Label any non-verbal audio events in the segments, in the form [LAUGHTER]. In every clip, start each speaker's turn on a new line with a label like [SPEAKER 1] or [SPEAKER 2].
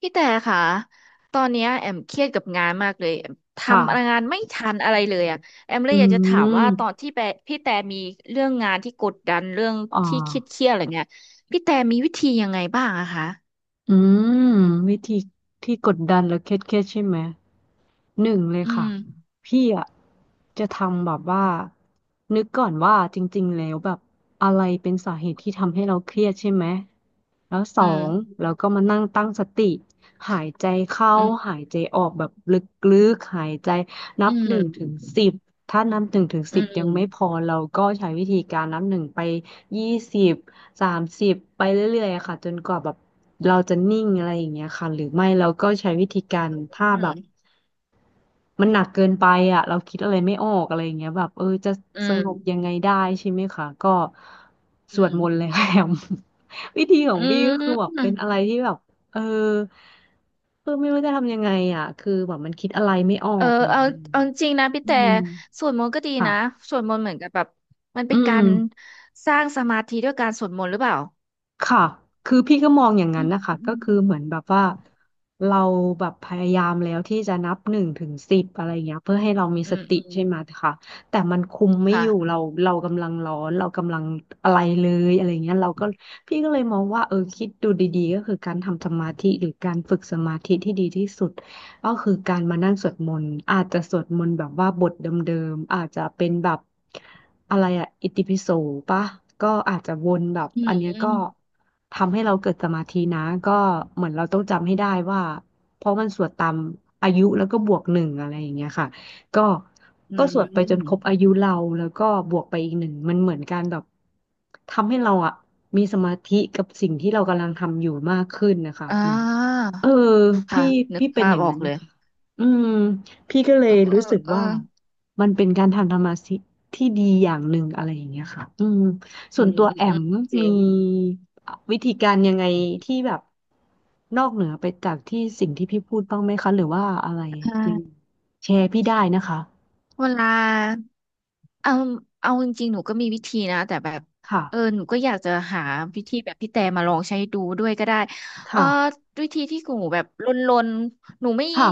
[SPEAKER 1] พี่แต่ค่ะตอนเนี้ยแอมเครียดกับงานมากเลยแอมท
[SPEAKER 2] ค่ะ
[SPEAKER 1] ำงานไม่ทันอะไรเลยอ่ะแอมเล
[SPEAKER 2] อื
[SPEAKER 1] ยอยากจะถามว่าตอน
[SPEAKER 2] ม
[SPEAKER 1] ที่พี่แต่มีเรื่องงานที่กดดันเรื่อง
[SPEAKER 2] อ่า
[SPEAKER 1] ที่เครียดเครียดอะไรเงี้ยพี่แต่มีวิธียังไงบ้างอะคะ
[SPEAKER 2] อืม วิธีที่กดดันและเครียดเครียดใช่ไหมหนึ่งเลย
[SPEAKER 1] อื
[SPEAKER 2] ค่ะ
[SPEAKER 1] ม
[SPEAKER 2] พี่อ่ะจะทำแบบว่า นึกก่อนว่าจริงๆแล้วแบบอะไรเป็นสาเหตุที่ทำให้เราเครียดใช่ไหม แล้วสอ
[SPEAKER 1] อืม
[SPEAKER 2] งเราก็มานั่งตั้งสติ หายใจเข้า
[SPEAKER 1] อืม
[SPEAKER 2] หายใจออกแบบลึกๆหายใจนั
[SPEAKER 1] อื
[SPEAKER 2] บหนึ่งถึง
[SPEAKER 1] ม
[SPEAKER 2] สิบถ้านับหนึ่งถึง
[SPEAKER 1] อื
[SPEAKER 2] สิบยัง
[SPEAKER 1] ม
[SPEAKER 2] ไม่พอเราก็ใช้วิธีการนับหนึ่งไป20 30ไปเรื่อยๆอะค่ะจนกว่าแบบเราจะนิ่งอะไรอย่างเงี้ยค่ะหรือไม่เราก็ใช้วิธีการถ้า
[SPEAKER 1] อื
[SPEAKER 2] แบบ
[SPEAKER 1] ม
[SPEAKER 2] มันหนักเกินไปอ่ะเราคิดอะไรไม่ออกอะไรอย่างเงี้ยแบบจะ
[SPEAKER 1] อื
[SPEAKER 2] สงบ
[SPEAKER 1] ม
[SPEAKER 2] ยังไงได้ใช่ไหมคะก็ส
[SPEAKER 1] อื
[SPEAKER 2] วดมนต์เลย
[SPEAKER 1] ม
[SPEAKER 2] [LAUGHS] ค่ะแอม [LAUGHS] วิธีขอ
[SPEAKER 1] อื
[SPEAKER 2] งพี่ก็คือแบบเป็นอะ
[SPEAKER 1] ม
[SPEAKER 2] ไรที่แบบเออคือไม่รู้จะทำยังไงอ่ะคือแบบมันคิดอะไรไม่ออ
[SPEAKER 1] เออ
[SPEAKER 2] กอย่าง
[SPEAKER 1] เอา
[SPEAKER 2] เงี้ย
[SPEAKER 1] เอาจริงนะพี่
[SPEAKER 2] อื
[SPEAKER 1] แต่
[SPEAKER 2] ม
[SPEAKER 1] สวดมนต์ก็ดี
[SPEAKER 2] ค่ะ
[SPEAKER 1] นะสวดมนต์เหมือนกับแบบมัน
[SPEAKER 2] อื
[SPEAKER 1] เป็นกา
[SPEAKER 2] ม
[SPEAKER 1] รสร้างสมาธิด้วยการสวดมนต์หรือเปล่า
[SPEAKER 2] ค่ะคือพี่ก็มองอย่างนั้
[SPEAKER 1] อื
[SPEAKER 2] นนะคะ ก็
[SPEAKER 1] ม
[SPEAKER 2] คือเหมือนแบบว่าเราแบบพยายามแล้วที่จะนับหนึ่งถึงสิบอะไรอย่างเงี้ยเพื่อให้เรามี
[SPEAKER 1] อื
[SPEAKER 2] ส
[SPEAKER 1] ม
[SPEAKER 2] ติ
[SPEAKER 1] อืม
[SPEAKER 2] ใช่ไหมคะแต่มันคุมไม่อยู่
[SPEAKER 1] ค่ะ
[SPEAKER 2] เราเรากำลังร้อนเรากำลังอะไรเลยอะไรเงี้ยเราก็พี่ก็เลยมองว่าคิดดูดีๆก็คือการทำสมาธิหรือการฝึกสมาธิที่ดีที่สุด ก็คือการมานั่งสวดมนต์อาจจะสวดมนต์แบบว่าบทเดิมๆอาจจะเป็นแบบอะไรอะอิติปิโสปะก็อาจจะวนแบบ
[SPEAKER 1] อื
[SPEAKER 2] อันเนี้ย
[SPEAKER 1] ม
[SPEAKER 2] ก็ทำให้เราเกิดสมาธินะก็เหมือนเราต้องจำให้ได้ว่าเพราะมันสวดตามอายุแล้วก็บวกหนึ่งอะไรอย่างเงี้ยค่ะก็
[SPEAKER 1] อื
[SPEAKER 2] ก็สวดไปจนครบ
[SPEAKER 1] ม
[SPEAKER 2] อายุเราแล้วก็บวกไปอีกหนึ่งมันเหมือนการแบบทำให้เราอะมีสมาธิกับสิ่งที่เรากำลังทำอยู่มากขึ้นนะคะ
[SPEAKER 1] อ่
[SPEAKER 2] เหมือน
[SPEAKER 1] า
[SPEAKER 2] เออ
[SPEAKER 1] ค่ะ
[SPEAKER 2] พี่
[SPEAKER 1] นึก
[SPEAKER 2] พี่เป็น
[SPEAKER 1] ภา
[SPEAKER 2] อ
[SPEAKER 1] พ
[SPEAKER 2] ย่าง
[SPEAKER 1] ออ
[SPEAKER 2] นั้
[SPEAKER 1] ก
[SPEAKER 2] น
[SPEAKER 1] เล
[SPEAKER 2] นะ
[SPEAKER 1] ย
[SPEAKER 2] คะอืมพี่ก็เล
[SPEAKER 1] เอ
[SPEAKER 2] ย
[SPEAKER 1] อ
[SPEAKER 2] รู้สึก
[SPEAKER 1] เออ
[SPEAKER 2] ว่ามันเป็นการทำธรรมะสิที่ดีอย่างหนึ่งอะไรอย่างเงี้ยค่ะอืม
[SPEAKER 1] อื
[SPEAKER 2] ส่วน
[SPEAKER 1] ม
[SPEAKER 2] ตัว
[SPEAKER 1] อืม
[SPEAKER 2] แอ
[SPEAKER 1] อื
[SPEAKER 2] ม
[SPEAKER 1] มจริ
[SPEAKER 2] มี
[SPEAKER 1] ง
[SPEAKER 2] วิธีการยังไงที่แบบนอกเหนือไปจากที่สิ่งที่พี่พูดบ้างไหมคะหรือว่าอะไร
[SPEAKER 1] ใ
[SPEAKER 2] ยัง
[SPEAKER 1] ช่
[SPEAKER 2] แชร์พี่ได้นะคะ
[SPEAKER 1] เวลาเอาเอาจริงๆหนูก็มีวิธีนะแต่แบบ
[SPEAKER 2] ค่ะ
[SPEAKER 1] เออหนูก็อยากจะหาวิธีแบบพี่แต่มาลองใช้ดูด้วยก็ได้เออ
[SPEAKER 2] ค่ะ
[SPEAKER 1] วิธีที่หนูแบบลนๆ
[SPEAKER 2] ค่ะ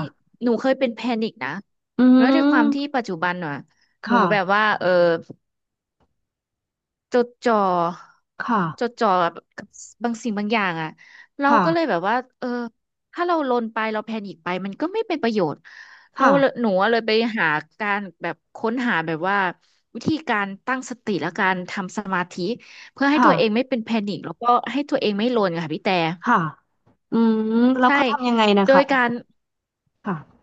[SPEAKER 1] หนูเคยเป็นแพนิคนะ
[SPEAKER 2] อื
[SPEAKER 1] แล้วด้วยความที่
[SPEAKER 2] ม
[SPEAKER 1] ปัจจุบันอ่ะหนู
[SPEAKER 2] ค่ะ
[SPEAKER 1] แบบว่าเออ จดจ่อ
[SPEAKER 2] ค่ะ
[SPEAKER 1] จดจ่อแบบกับบางสิ่งบางอย่างอ่ะเรา
[SPEAKER 2] ค่ะ
[SPEAKER 1] ก็เลยแบบว่าเออถ้าเราลนไปเราแพนิคไปมันก็ไม่เป็นประโยชน์เรา
[SPEAKER 2] ค่ะ
[SPEAKER 1] เลยหนูอะเลยไปหาการแบบค้นหาแบบว่าวิธีการตั้งสติและการทำสมาธิเพื่อให้ตั
[SPEAKER 2] ค่ะ
[SPEAKER 1] วเองไม่เป็นแพนิคแล้วก็ให้ตัวเองไม่ลนค่ะพี่แต่
[SPEAKER 2] ค่ะอืมแล้ว
[SPEAKER 1] ใช่
[SPEAKER 2] เขาทำยังไงนะ
[SPEAKER 1] โด
[SPEAKER 2] คะ
[SPEAKER 1] ย
[SPEAKER 2] แอ
[SPEAKER 1] กา
[SPEAKER 2] ม
[SPEAKER 1] ร
[SPEAKER 2] ค่ะ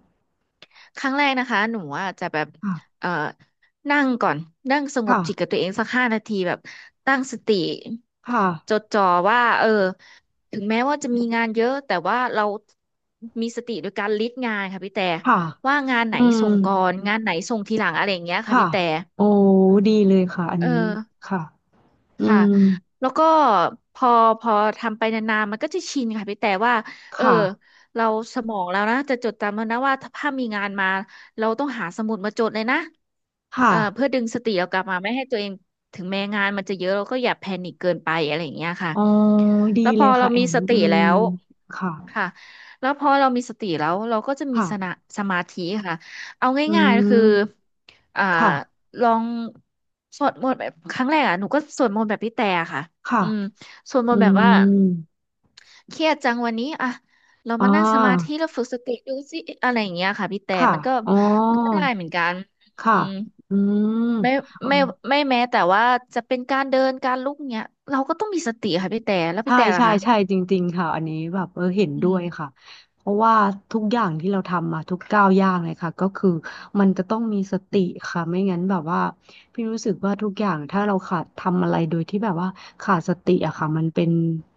[SPEAKER 1] ครั้งแรกนะคะหนูอาจจะแบบ
[SPEAKER 2] ค่ะ
[SPEAKER 1] เอ่อนั่งก่อนนั่งสง
[SPEAKER 2] ค่ะ
[SPEAKER 1] บจิตกับตัวเองสักห้านาทีแบบตั้งสติ
[SPEAKER 2] ค่ะ
[SPEAKER 1] จดจ่อว่าเออถึงแม้ว่าจะมีงานเยอะแต่ว่าเรามีสติโดยการลิสต์งานค่ะพี่แต่
[SPEAKER 2] ค่ะ
[SPEAKER 1] ว่างานไหน
[SPEAKER 2] อืม
[SPEAKER 1] ส่งก่อนงานไหนส่งทีหลังอะไรอย่างเงี้ยค่ะ
[SPEAKER 2] ค่ะ
[SPEAKER 1] พี่แต่
[SPEAKER 2] โอ้ดีเลยค่ะอัน
[SPEAKER 1] เอ
[SPEAKER 2] นี้
[SPEAKER 1] อ
[SPEAKER 2] ค่ะอื
[SPEAKER 1] ค่ะ
[SPEAKER 2] ม
[SPEAKER 1] แล้วก็พอพอทำไปนานๆมันก็จะชินค่ะพี่แต่ว่า เออ
[SPEAKER 2] ค่ะ
[SPEAKER 1] เราสมองแล้วนะจะจดจำแล้วนะว่าถ้ามีงานมา เราต้องหาสมุดมาจดเลยนะ
[SPEAKER 2] ค่ะ
[SPEAKER 1] เอ่อเพื่อดึงสติเรากลับมาไม่ให้ตัวเองถึงแม้งานมันจะเยอะเราก็อย่าแพนิคเกินไปอะไรอย่างเงี้ยค่ะ
[SPEAKER 2] อ๋อดี
[SPEAKER 1] แล้วพ
[SPEAKER 2] เล
[SPEAKER 1] อ
[SPEAKER 2] ย
[SPEAKER 1] เรา
[SPEAKER 2] ค่ะแอ
[SPEAKER 1] มี
[SPEAKER 2] ม
[SPEAKER 1] สติ
[SPEAKER 2] อื
[SPEAKER 1] แล้
[SPEAKER 2] ม
[SPEAKER 1] ว
[SPEAKER 2] ค่ะ
[SPEAKER 1] ค่ะแล้วพอเรามีสติแล้วเราก็จะมี
[SPEAKER 2] ค่ะ
[SPEAKER 1] สนะสมาธิค่ะเอา
[SPEAKER 2] อื
[SPEAKER 1] ง่ายๆคือ
[SPEAKER 2] ม
[SPEAKER 1] อ่า
[SPEAKER 2] ค่ะ
[SPEAKER 1] ลองสวดมนต์แบบครั้งแรกอ่ะหนูก็สวดมนต์แบบพี่แต่ค่ะ
[SPEAKER 2] ค่ะ
[SPEAKER 1] อืมสวดม
[SPEAKER 2] อื
[SPEAKER 1] นต์แบบว่า
[SPEAKER 2] ม
[SPEAKER 1] เครียดจังวันนี้อ่ะเรา
[SPEAKER 2] อ่
[SPEAKER 1] มานั่งสมา
[SPEAKER 2] า
[SPEAKER 1] ธิแล้วฝึกสติดูสิอะไรอย่างเงี้ยค่ะพี่แต่
[SPEAKER 2] ค่ะ
[SPEAKER 1] มันก็
[SPEAKER 2] อ๋อ
[SPEAKER 1] มันก็ได้เหมือนกันอื
[SPEAKER 2] ค่ะ
[SPEAKER 1] ม
[SPEAKER 2] อืม
[SPEAKER 1] ไม่ไม่ไม่แม้แต่ว่าจะเป็นการเดินการลุกเนี้ยเราก็ต้องมีสติค่ะพี่แต่แล้วพี่
[SPEAKER 2] ใช่
[SPEAKER 1] แต่ล่ะ
[SPEAKER 2] ใช่
[SPEAKER 1] คะ
[SPEAKER 2] ใช่จริงๆค่ะอันนี้แบบเห็น
[SPEAKER 1] อื
[SPEAKER 2] ด้วยค่ะ
[SPEAKER 1] ม
[SPEAKER 2] เพราะว่าทุกอย่างที่เราทำมาทุกก้าวย่างเลยค่ะก็คือมันจะต้องมีสติค่ะไม่งั้นแบบว่าพี่รู้สึกว่าทุกอย่างถ้าเราขาดทำอะไรโดยที่แบบว่าขาดสติอะค่ะมันเป็น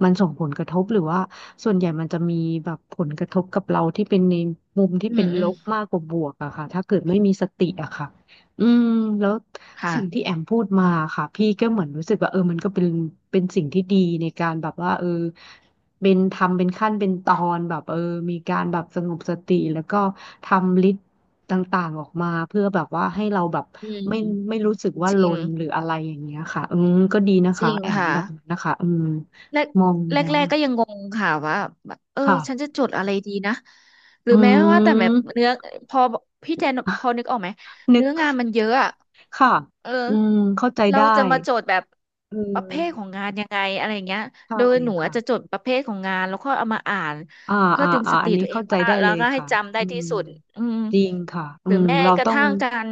[SPEAKER 2] มันส่งผลกระทบหรือว่าส่วนใหญ่มันจะมีแบบผลกระทบกับเราที่เป็นในมุมที่
[SPEAKER 1] อื
[SPEAKER 2] เป็
[SPEAKER 1] ม
[SPEAKER 2] น
[SPEAKER 1] อื
[SPEAKER 2] ล
[SPEAKER 1] ม
[SPEAKER 2] บมากกว่าบวกอะค่ะถ้าเกิดไม่มีสติอะค่ะอืมแล้ว สิ่งที่แอ
[SPEAKER 1] ค่ะ
[SPEAKER 2] มพูดมาค่ะพี่ก็เหมือนรู้สึกว่ามันก็เป็นสิ่งที่ดีในการแบบว่าเป็นทำเป็นขั้นเป็นตอนแบบมีการแบบสงบสติแล้วก็ทำลิสต์ต่างๆออกมาเพื่อแบบว่าให้เราแบบ
[SPEAKER 1] อืม
[SPEAKER 2] ไม่ไม่รู้สึกว่า
[SPEAKER 1] จ
[SPEAKER 2] ล
[SPEAKER 1] ริง
[SPEAKER 2] นหรืออะไรอย่างเงี้ยค่ะอืมก็ดีนะ
[SPEAKER 1] จ
[SPEAKER 2] คะ
[SPEAKER 1] ริง
[SPEAKER 2] แอม
[SPEAKER 1] ค่ะ
[SPEAKER 2] แบบนั้นนะคะอืม
[SPEAKER 1] แรก
[SPEAKER 2] มอง
[SPEAKER 1] แร
[SPEAKER 2] แล้
[SPEAKER 1] ก
[SPEAKER 2] ว
[SPEAKER 1] แรก
[SPEAKER 2] อะ
[SPEAKER 1] ก็ยังงงค่ะว่าแบบเออ
[SPEAKER 2] ค่ะ
[SPEAKER 1] ฉันจะจดอะไรดีนะหรื
[SPEAKER 2] อื
[SPEAKER 1] อแม้ว่าแต่แบบ
[SPEAKER 2] ม
[SPEAKER 1] เนื้อพอพี่แจนพอนึกออกไหม
[SPEAKER 2] [LAUGHS] นึก
[SPEAKER 1] เนื้องานมันเยอะอะ
[SPEAKER 2] ค่ะ
[SPEAKER 1] เออ
[SPEAKER 2] อืมเข้าใจ
[SPEAKER 1] เรา
[SPEAKER 2] ได้
[SPEAKER 1] จะมาโจดแบบ
[SPEAKER 2] เ
[SPEAKER 1] ประเภทข
[SPEAKER 2] ออ
[SPEAKER 1] องงานยังไงอะไรเงี้ย
[SPEAKER 2] ใช่
[SPEAKER 1] โดยหนูอะ
[SPEAKER 2] ค่ะ
[SPEAKER 1] จะจดประเภทของงานแล้วก็เอามาอ่าน
[SPEAKER 2] อ่า
[SPEAKER 1] เพื่อดึงส
[SPEAKER 2] อั
[SPEAKER 1] ติ
[SPEAKER 2] นนี้
[SPEAKER 1] ตัวเอ
[SPEAKER 2] เข้า
[SPEAKER 1] ง
[SPEAKER 2] ใจ
[SPEAKER 1] ว่า
[SPEAKER 2] ได้
[SPEAKER 1] แล้
[SPEAKER 2] เล
[SPEAKER 1] ว
[SPEAKER 2] ย
[SPEAKER 1] ก็ให้
[SPEAKER 2] ค่ะ
[SPEAKER 1] จำได้
[SPEAKER 2] อื
[SPEAKER 1] ที่
[SPEAKER 2] ม
[SPEAKER 1] สุดอืม
[SPEAKER 2] จริงค่ะอื
[SPEAKER 1] หรือ
[SPEAKER 2] ม
[SPEAKER 1] แม้
[SPEAKER 2] เรา
[SPEAKER 1] กระ
[SPEAKER 2] ต้อง
[SPEAKER 1] ทั่งการ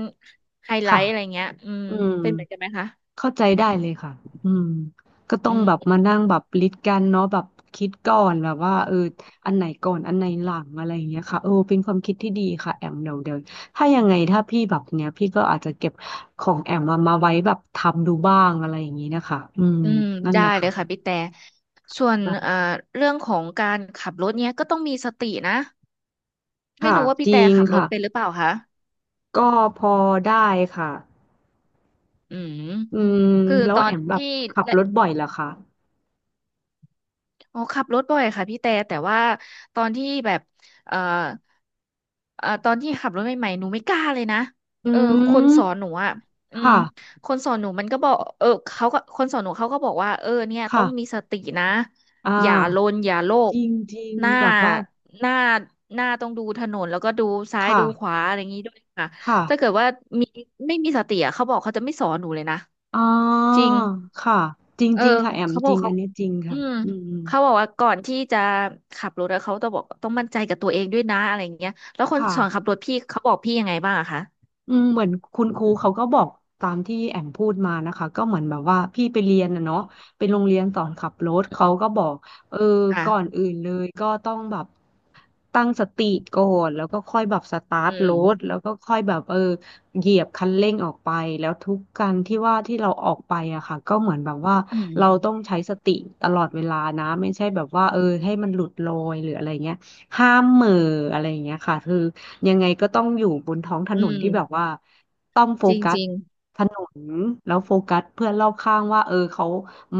[SPEAKER 1] ไฮไล
[SPEAKER 2] ค่ะ
[SPEAKER 1] ท์อะไรเงี้ยอืม
[SPEAKER 2] อืม
[SPEAKER 1] เป็นเหมือนกันไหมคะ
[SPEAKER 2] เข้าใจได้เลยค่ะอืมก็ต้อ
[SPEAKER 1] อื
[SPEAKER 2] งแบบ
[SPEAKER 1] ม
[SPEAKER 2] มานั่งแบบลิดกันเนาะแบบคิดก่อนแบบว่าอันไหนก่อนอันไหนหลังอะไรอย่างเงี้ยค่ะเป็นความคิดที่ดีค่ะแอมเดี๋ยวเดี๋ยวถ้ายังไงถ้าพี่แบบเนี้ยพี่ก็อาจจะเก็บของแอมมาไว้แบบทำดูบ้างอะไรอย่างงี้นะคะอืม
[SPEAKER 1] อืม
[SPEAKER 2] นั่น
[SPEAKER 1] ได้
[SPEAKER 2] แหละ
[SPEAKER 1] เลยค่ะ
[SPEAKER 2] ค่ะ
[SPEAKER 1] พี่แต่ส่วน
[SPEAKER 2] แบบ
[SPEAKER 1] เรื่องของการขับรถเนี้ยก็ต้องมีสตินะไม่
[SPEAKER 2] ค่ะ
[SPEAKER 1] รู้ว่าพี่
[SPEAKER 2] จริ
[SPEAKER 1] แต่
[SPEAKER 2] ง
[SPEAKER 1] ขับรถ
[SPEAKER 2] ค่ะ
[SPEAKER 1] เป็นหรือเปล่าคะ
[SPEAKER 2] ก็พอได้ค่ะ
[SPEAKER 1] อืม
[SPEAKER 2] อืม
[SPEAKER 1] คือ
[SPEAKER 2] แล้
[SPEAKER 1] ต
[SPEAKER 2] ว
[SPEAKER 1] อ
[SPEAKER 2] แอ
[SPEAKER 1] น
[SPEAKER 2] มแบบ
[SPEAKER 1] ที่
[SPEAKER 2] ขับรถบ่อยเหรอคะ
[SPEAKER 1] อ๋อขับรถบ่อยค่ะพี่แต่แต่ว่าตอนที่แบบเอ่อตอนที่ขับรถใหม่ๆหนูไม่กล้าเลยนะ
[SPEAKER 2] อื
[SPEAKER 1] เออคนสอนหนู
[SPEAKER 2] ม
[SPEAKER 1] อ่ะอืม
[SPEAKER 2] ค่ะ
[SPEAKER 1] คนสอนหนูมันก็บอกเออเขาก็คนสอนหนูเขาก็บอกว่าเออเนี่ยต้อ
[SPEAKER 2] ค่ะ
[SPEAKER 1] งมีสตินะ
[SPEAKER 2] อ่า
[SPEAKER 1] อย่าลนอย่าโล
[SPEAKER 2] จ
[SPEAKER 1] ก
[SPEAKER 2] ริงจริง
[SPEAKER 1] หน้า
[SPEAKER 2] แบบว่า
[SPEAKER 1] หน้าหน้าต้องดูถนนแล้วก็ดูซ้าย
[SPEAKER 2] ค่ะ
[SPEAKER 1] ดูขวาอะไรอย่างนี้ด้วยค่ะ
[SPEAKER 2] ค่ะ
[SPEAKER 1] ถ้าเกิดว่ามีไม่มีสติอ่ะเขาบอกเขาจะไม่สอนหนูเลยนะ
[SPEAKER 2] อ่า
[SPEAKER 1] จริง
[SPEAKER 2] ค่ะจริง
[SPEAKER 1] เออ
[SPEAKER 2] จริงค่ะแอม
[SPEAKER 1] เขาบ
[SPEAKER 2] จ
[SPEAKER 1] อ
[SPEAKER 2] ริ
[SPEAKER 1] ก
[SPEAKER 2] งอั
[SPEAKER 1] เขา
[SPEAKER 2] นนี้จริง
[SPEAKER 1] อื
[SPEAKER 2] ค่ะ
[SPEAKER 1] ม
[SPEAKER 2] อืม
[SPEAKER 1] เขาบอกว่าก่อนที่จะขับรถอะเขาต้องบอกต้องมั่นใจกับตัวเองด้วยนะอะไรอย่างเงี้ยแล้วคน
[SPEAKER 2] ค่ะ
[SPEAKER 1] สอนขับรถพี่เขาบอกพี่ยังไงบ้างอะคะ
[SPEAKER 2] อืมเหมือนคุณครูเขาก็บอกตามที่แอมพูดมานะคะก็เหมือนแบบว่าพี่ไปเรียนนะเนาะเป็นโรงเรียนสอนขับรถ
[SPEAKER 1] อื
[SPEAKER 2] เขาก็
[SPEAKER 1] ม
[SPEAKER 2] บอกเออ
[SPEAKER 1] ค่ะ
[SPEAKER 2] ก่อนอื่นเลยก็ต้องแบบ ตั้งสติก่อนแล้วก็ค่อยแบบสตาร์
[SPEAKER 1] อื
[SPEAKER 2] ทร
[SPEAKER 1] ม
[SPEAKER 2] ถแล้วก็ค่อยแบบเหยียบคันเร่งออกไปแล้วทุกการที่ว่าที่เราออกไปอะค่ะก็เหมือนแบบว่า
[SPEAKER 1] อืม
[SPEAKER 2] เราต้องใช้สติตลอดเวลานะไม่ใช่แบบว่าเออให้มันหลุดลอยหรืออะไรเงี้ยห้ามเหม่ออะไรอย่างเงี้ยค่ะคือยังไงก็ต้องอยู่บนท้องถ
[SPEAKER 1] อื
[SPEAKER 2] นนที่แบบ
[SPEAKER 1] ม
[SPEAKER 2] ว่าต้องโฟ
[SPEAKER 1] จริง
[SPEAKER 2] กั
[SPEAKER 1] จ
[SPEAKER 2] ส
[SPEAKER 1] ริง
[SPEAKER 2] ถนนแล้วโฟกัสเพื่อนรอบข้างว่าเออเขา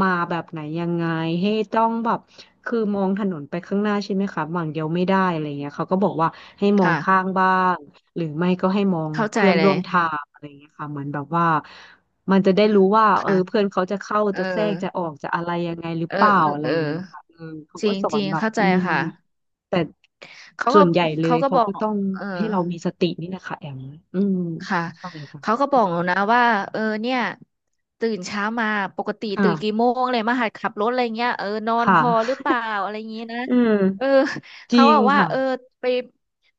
[SPEAKER 2] มาแบบไหนยังไงให้ต้องแบบคือมองถนนไปข้างหน้าใช่ไหมคะฝั่งเดียวไม่ได้อะไรเงี้ยเขาก็บอกว่าให้มอง
[SPEAKER 1] ค่ะ
[SPEAKER 2] ข้างบ้างหรือไม่ก็ให้มอง
[SPEAKER 1] เข้าใจ
[SPEAKER 2] เพื่อน
[SPEAKER 1] เล
[SPEAKER 2] ร่ว
[SPEAKER 1] ย
[SPEAKER 2] มทางอะไรเงี้ยค่ะเหมือนแบบว่ามันจะได้รู้ว่าเออ
[SPEAKER 1] ค่ะ
[SPEAKER 2] เพื่อนเขาจะเข้า
[SPEAKER 1] เออ
[SPEAKER 2] จะแทรกจะออกจะอะไรยังไงหรือ
[SPEAKER 1] เออ
[SPEAKER 2] เปล่า
[SPEAKER 1] เออ
[SPEAKER 2] อะไร
[SPEAKER 1] เออ
[SPEAKER 2] เงี้ยค่ะเออเขา
[SPEAKER 1] จ
[SPEAKER 2] ก็
[SPEAKER 1] ริง
[SPEAKER 2] สอ
[SPEAKER 1] จ
[SPEAKER 2] น
[SPEAKER 1] ริง
[SPEAKER 2] แบบ
[SPEAKER 1] เข้าใจ
[SPEAKER 2] อืม
[SPEAKER 1] ค่ะ
[SPEAKER 2] แต่
[SPEAKER 1] เขา
[SPEAKER 2] ส่
[SPEAKER 1] ก็
[SPEAKER 2] วนใหญ่เล
[SPEAKER 1] เขา
[SPEAKER 2] ย
[SPEAKER 1] ก็
[SPEAKER 2] เขา
[SPEAKER 1] บอ
[SPEAKER 2] ก็
[SPEAKER 1] ก
[SPEAKER 2] ต้อง
[SPEAKER 1] เออ
[SPEAKER 2] ให้เรามีสตินี่แหละค่ะแอมอืม
[SPEAKER 1] ค่ะ
[SPEAKER 2] ใช่
[SPEAKER 1] เขา
[SPEAKER 2] ค่ะ
[SPEAKER 1] ก็บอกหนูนะว่าเออเนี่ยตื่นเช้ามาปกติตื่นกี่
[SPEAKER 2] ค่ะ
[SPEAKER 1] โมงเลยมาหัดขับรถอะไรเงี้ยเออนอนพ
[SPEAKER 2] ค่ะ
[SPEAKER 1] อหรือเปล่าอะไรอย่างงี้นะ
[SPEAKER 2] อื
[SPEAKER 1] เออ
[SPEAKER 2] มจ
[SPEAKER 1] เขา
[SPEAKER 2] ริ
[SPEAKER 1] บ
[SPEAKER 2] ง
[SPEAKER 1] อกว่า
[SPEAKER 2] ค่ะ
[SPEAKER 1] เออไป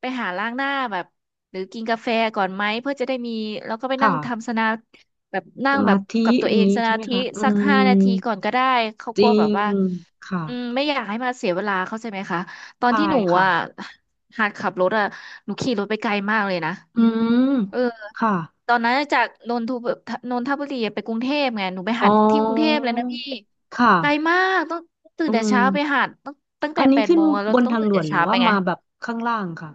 [SPEAKER 1] ไปหาล้างหน้าแบบหรือกินกาแฟก่อนไหมเพื่อจะได้มีแล้วก็ไปนั่งทำ
[SPEAKER 2] ค่ะ
[SPEAKER 1] สนาแบบนั่
[SPEAKER 2] ส
[SPEAKER 1] งแบ
[SPEAKER 2] มา
[SPEAKER 1] บ
[SPEAKER 2] ธิ
[SPEAKER 1] กับตัว
[SPEAKER 2] อ
[SPEAKER 1] เอ
[SPEAKER 2] ย่าง
[SPEAKER 1] ง
[SPEAKER 2] นี้
[SPEAKER 1] ส
[SPEAKER 2] ใช่
[SPEAKER 1] มา
[SPEAKER 2] ไหม
[SPEAKER 1] ธิ
[SPEAKER 2] คะอื
[SPEAKER 1] สักห้า
[SPEAKER 2] ม
[SPEAKER 1] นาทีก่อนก็ได้เขา
[SPEAKER 2] จ
[SPEAKER 1] กลั
[SPEAKER 2] ริ
[SPEAKER 1] วแบบ
[SPEAKER 2] ง
[SPEAKER 1] ว่า
[SPEAKER 2] ค่ะ
[SPEAKER 1] อืมไม่อยากให้มาเสียเวลาเข้าใจไหมคะตอน
[SPEAKER 2] ใช่
[SPEAKER 1] ที่หนู
[SPEAKER 2] ค่ะ
[SPEAKER 1] อ่ะหัดขับรถอ่ะหนูขี่รถไปไกลมากเลยนะ
[SPEAKER 2] อืม
[SPEAKER 1] เออ
[SPEAKER 2] ค่ะ
[SPEAKER 1] ตอนนั้นจากนนทบุรีไปกรุงเทพไงหนูไป
[SPEAKER 2] อ๋
[SPEAKER 1] หั
[SPEAKER 2] อ
[SPEAKER 1] ดที่กรุงเทพเลยนะพี่
[SPEAKER 2] ค่ะ
[SPEAKER 1] ไกลมากต้องตื่
[SPEAKER 2] อื
[SPEAKER 1] นแต่เช้าไป
[SPEAKER 2] ม
[SPEAKER 1] หัดต้องตั้ง
[SPEAKER 2] อั
[SPEAKER 1] แต่
[SPEAKER 2] น
[SPEAKER 1] แป
[SPEAKER 2] นี้
[SPEAKER 1] ด
[SPEAKER 2] ขึ้น
[SPEAKER 1] โมงอะเรา
[SPEAKER 2] บน
[SPEAKER 1] ต้อง
[SPEAKER 2] ทาง
[SPEAKER 1] ตื่น
[SPEAKER 2] ด่
[SPEAKER 1] แต่
[SPEAKER 2] วนหรื
[SPEAKER 1] เช้า
[SPEAKER 2] อ
[SPEAKER 1] ไป
[SPEAKER 2] ว่า
[SPEAKER 1] ไง
[SPEAKER 2] มาแบบข้างล่างค่ะ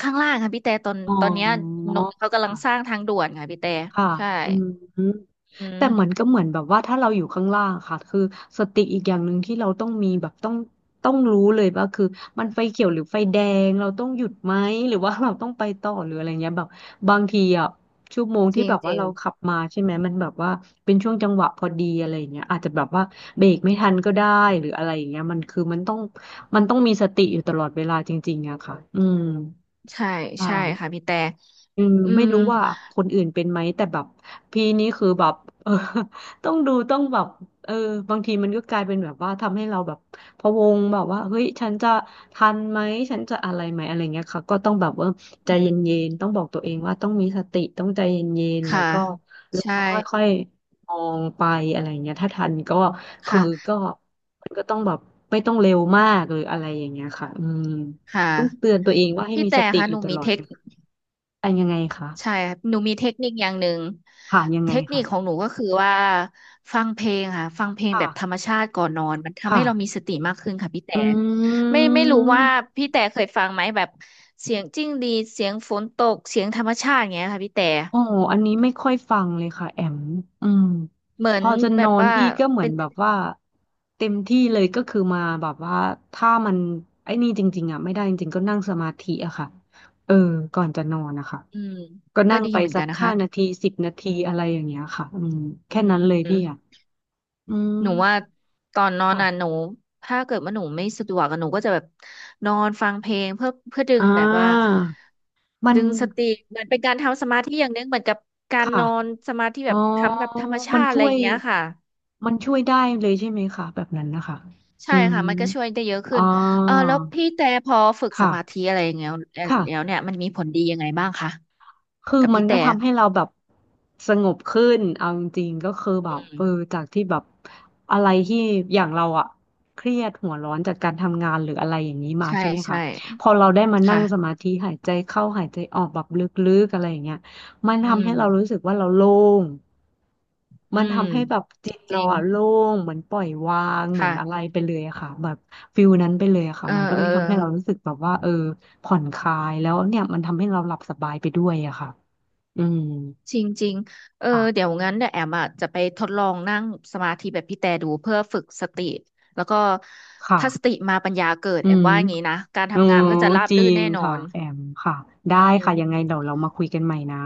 [SPEAKER 1] ข้างล่างค่ะพี่แต่ตอน
[SPEAKER 2] อ๋
[SPEAKER 1] ตอนเนี้ย
[SPEAKER 2] อ
[SPEAKER 1] นนท์เขากำลังสร้า
[SPEAKER 2] ค่ะ
[SPEAKER 1] งทางด่วนค่ะพี่แต่
[SPEAKER 2] ค่ะ
[SPEAKER 1] ใช่
[SPEAKER 2] อืม
[SPEAKER 1] อื
[SPEAKER 2] แต่เหมือน
[SPEAKER 1] ม
[SPEAKER 2] ก็เหมือนแบบว่าถ้าเราอยู่ข้างล่างค่ะคือสติอีกอย่างหนึ่งที่เราต้องมีแบบต้องรู้เลยว่าคือมันไฟเขียวหรือไฟแดงเราต้องหยุดไหมหรือว่าเราต้องไปต่อหรืออะไรเงี้ยแบบบางทีอ่ะชั่วโมง
[SPEAKER 1] จ
[SPEAKER 2] ที่
[SPEAKER 1] ริง
[SPEAKER 2] แบบ
[SPEAKER 1] จ
[SPEAKER 2] ว่า
[SPEAKER 1] ริง
[SPEAKER 2] เราขับมาใช่ไหมมันแบบว่าเป็นช่วงจังหวะพอดีอะไร่าเงี้ยอาจจะแบบว่าเบรกไม่ทันก็ได้หรืออะไรอย่างเงี้ยมันคือมันต้องมีสติอยู่ตลอดเวลาจริงๆอะค่ะอืม
[SPEAKER 1] ใช่
[SPEAKER 2] ใช่
[SPEAKER 1] ใช่ค่ะพี่แต่
[SPEAKER 2] อืม
[SPEAKER 1] อื
[SPEAKER 2] ไม่
[SPEAKER 1] ม
[SPEAKER 2] รู้ว่าคนอื่นเป็นไหมแต่แบบพี่นี่คือแบบเออ [LAUGHS] ต้องดูต้องแบบเออบางทีมันก็กลายเป็นแบบว่าทำให้เราแบบพะวงแบบว่าเฮ้ยฉันจะทันไหมฉันจะอะไรไหมอะไรเงี้ยค่ะก็ต้องแบบว่าใจ
[SPEAKER 1] อื
[SPEAKER 2] เย็น
[SPEAKER 1] ม
[SPEAKER 2] ๆต้องบอกตัวเองว่าต้องมีสติต้องใจเย็นๆแล้ว
[SPEAKER 1] ค่ะ
[SPEAKER 2] ก็แล้ว
[SPEAKER 1] ใช่
[SPEAKER 2] ก็ค่อยๆมองไปอะไรเงี้ยถ้าทันก็คือ
[SPEAKER 1] ค่ะ
[SPEAKER 2] ก็มันก็ต้องแบบไม่ต้องเร็วมากหรืออะไรอย่างเงี้ยค่ะอืม
[SPEAKER 1] ค่ะ
[SPEAKER 2] ต้องเตือนตัวเองว่าให้
[SPEAKER 1] พี่
[SPEAKER 2] มี
[SPEAKER 1] แต่
[SPEAKER 2] สติ
[SPEAKER 1] ค่ะ
[SPEAKER 2] อ
[SPEAKER 1] ห
[SPEAKER 2] ยู่
[SPEAKER 1] นู
[SPEAKER 2] ต
[SPEAKER 1] มี
[SPEAKER 2] ลอ
[SPEAKER 1] เท
[SPEAKER 2] ด
[SPEAKER 1] ค
[SPEAKER 2] เป็นยังไงคะ
[SPEAKER 1] ใช่ครับหนูมีเทคนิคอย่างหนึ่ง
[SPEAKER 2] ค่ะยัง
[SPEAKER 1] เท
[SPEAKER 2] ไง
[SPEAKER 1] คนิคขอ
[SPEAKER 2] ค่ะ
[SPEAKER 1] งหนูก็คือว่าฟังเพลงค่ะฟังเพลงแบบธร
[SPEAKER 2] ค่ะ
[SPEAKER 1] รมชาติก่อนนอนมันทำ
[SPEAKER 2] ค่ะ
[SPEAKER 1] ให้เรามีสติมากขึ้นค่ะพี่แต่
[SPEAKER 2] อื
[SPEAKER 1] ไม่รู้
[SPEAKER 2] ม
[SPEAKER 1] ว่าพี่แต่เคยฟังไหมแบบเสียงจิ้งหรีดเสียงฝนตกเสียงธรรมชาติอย่างเงี้ยค่ะพี่แต่
[SPEAKER 2] โอ้อันนี้ไม่ค่อยฟังเลยค่ะแอมอืม
[SPEAKER 1] เหมือ
[SPEAKER 2] พ
[SPEAKER 1] น
[SPEAKER 2] อจะ
[SPEAKER 1] แบ
[SPEAKER 2] นอ
[SPEAKER 1] บ
[SPEAKER 2] น
[SPEAKER 1] ว่า
[SPEAKER 2] พี่ก็เหมือ
[SPEAKER 1] เป็
[SPEAKER 2] น
[SPEAKER 1] น
[SPEAKER 2] แบบว่าเต็มที่เลยก็คือมาแบบว่าถ้ามันไอ้นี่จริงๆอ่ะไม่ได้จริงๆก็นั่งสมาธิอะค่ะเออก่อนจะนอนนะคะ
[SPEAKER 1] อืม
[SPEAKER 2] ก็
[SPEAKER 1] ก็
[SPEAKER 2] นั่ง
[SPEAKER 1] ดี
[SPEAKER 2] ไป
[SPEAKER 1] เหมือน
[SPEAKER 2] สั
[SPEAKER 1] กั
[SPEAKER 2] ก
[SPEAKER 1] นนะ
[SPEAKER 2] ห้า
[SPEAKER 1] คะ
[SPEAKER 2] นาทีสิบนาทีอะไรอย่างเงี้ยค่ะอืม
[SPEAKER 1] อื
[SPEAKER 2] แค่
[SPEAKER 1] ม
[SPEAKER 2] นั้น
[SPEAKER 1] อื
[SPEAKER 2] เลย
[SPEAKER 1] ม
[SPEAKER 2] พี่อ่ะอืม
[SPEAKER 1] หนูว่าตอนนอนน่ะหนู
[SPEAKER 2] ค่ะ
[SPEAKER 1] ถ้าเกิดว่าหนูไม่สะดวกอะหนูก็จะแบบนอนฟังเพลงเพื่อดึ
[SPEAKER 2] อ่
[SPEAKER 1] งแบบว่า
[SPEAKER 2] ามัน
[SPEAKER 1] ดึงสติเหมือนเป็นการทำสมาธิอย่างหนึงเหมือนกับการ
[SPEAKER 2] ค่ะ
[SPEAKER 1] นอนสมาธิ
[SPEAKER 2] อ๋
[SPEAKER 1] แบ
[SPEAKER 2] อ
[SPEAKER 1] บทำกับธรรมชา
[SPEAKER 2] มัน
[SPEAKER 1] ติอะ
[SPEAKER 2] ช่
[SPEAKER 1] ไร
[SPEAKER 2] ว
[SPEAKER 1] อ
[SPEAKER 2] ย
[SPEAKER 1] ย่างเงี้ยค่ะ
[SPEAKER 2] มันช่วยได้เลยใช่ไหมคะแบบนั้นนะคะอื
[SPEAKER 1] ใช่
[SPEAKER 2] ม
[SPEAKER 1] ค่ะมันก็ช่วยได้เยอะ
[SPEAKER 2] อ่
[SPEAKER 1] ขึ้นเออ
[SPEAKER 2] า
[SPEAKER 1] แล้วพี่แต่พอฝึกส
[SPEAKER 2] ค่ะ
[SPEAKER 1] มาธิอะไรอย่างเงี้ยแล
[SPEAKER 2] ค่ะ
[SPEAKER 1] ้วเนี่ยมันมีผลดียังไงบ้างคะ
[SPEAKER 2] คือ
[SPEAKER 1] กับ
[SPEAKER 2] มัน
[SPEAKER 1] พี่
[SPEAKER 2] ก็
[SPEAKER 1] แต่
[SPEAKER 2] ทำให้เราแบบสงบขึ้นเอาจริงๆก็คือแบบ
[SPEAKER 1] อืม
[SPEAKER 2] เออจากที่แบบอะไรที่อย่างเราอะเครียดหัวร้อนจากการทำงานหรืออะไรอย่างนี้มา
[SPEAKER 1] ใช่
[SPEAKER 2] ใช่ไหมคะ
[SPEAKER 1] ใช่
[SPEAKER 2] พอเราได้มานั่งส
[SPEAKER 1] ค่ะ
[SPEAKER 2] มาธิหายใจเข้าหายใจออกแบบลึกๆอะไรอย่างเงี้ยมัน
[SPEAKER 1] อื
[SPEAKER 2] ทำ
[SPEAKER 1] ม
[SPEAKER 2] ให้เรารู้สึกว่าเราโล่ง
[SPEAKER 1] อื
[SPEAKER 2] มัน
[SPEAKER 1] ม
[SPEAKER 2] ทำให้แบบจิต
[SPEAKER 1] จ
[SPEAKER 2] เรา
[SPEAKER 1] ริง
[SPEAKER 2] อะโล่งเหมือนปล่อยวางเหมือนอะไร
[SPEAKER 1] ค่ะ
[SPEAKER 2] ไปเลยอะค่ะแบบฟิลนั้นไปเลยอะค่ะ
[SPEAKER 1] เออ
[SPEAKER 2] มันก็เล
[SPEAKER 1] เออ
[SPEAKER 2] ยทำให้เรารู้สึกแบบว่าเออผ่อนคลายแล้วเนี่ยมันทำให้เราหลับสบายไปด้วยอะค่ะอืม
[SPEAKER 1] จริงๆเออ
[SPEAKER 2] ค่ะ
[SPEAKER 1] เดี๋ยวแอมอ่ะจะไปทดลองนั่งสมาธิแบบพี่แต่ดูเพื่อฝึกสติแล้วก็
[SPEAKER 2] ค่ะ
[SPEAKER 1] ถ้าสติมาปัญญาเกิด
[SPEAKER 2] อื
[SPEAKER 1] แอม
[SPEAKER 2] ม
[SPEAKER 1] ว่าอย่างนี้นะการ
[SPEAKER 2] โอ้
[SPEAKER 1] ทำงานมันก็จะราบ
[SPEAKER 2] จริ
[SPEAKER 1] รื่น
[SPEAKER 2] ง
[SPEAKER 1] แน่นอ
[SPEAKER 2] ค่ะ
[SPEAKER 1] น
[SPEAKER 2] แอมค่ะได้
[SPEAKER 1] อืม
[SPEAKER 2] ค่ะยังไงเดี๋ยวเรามาคุยกันใหม่นะ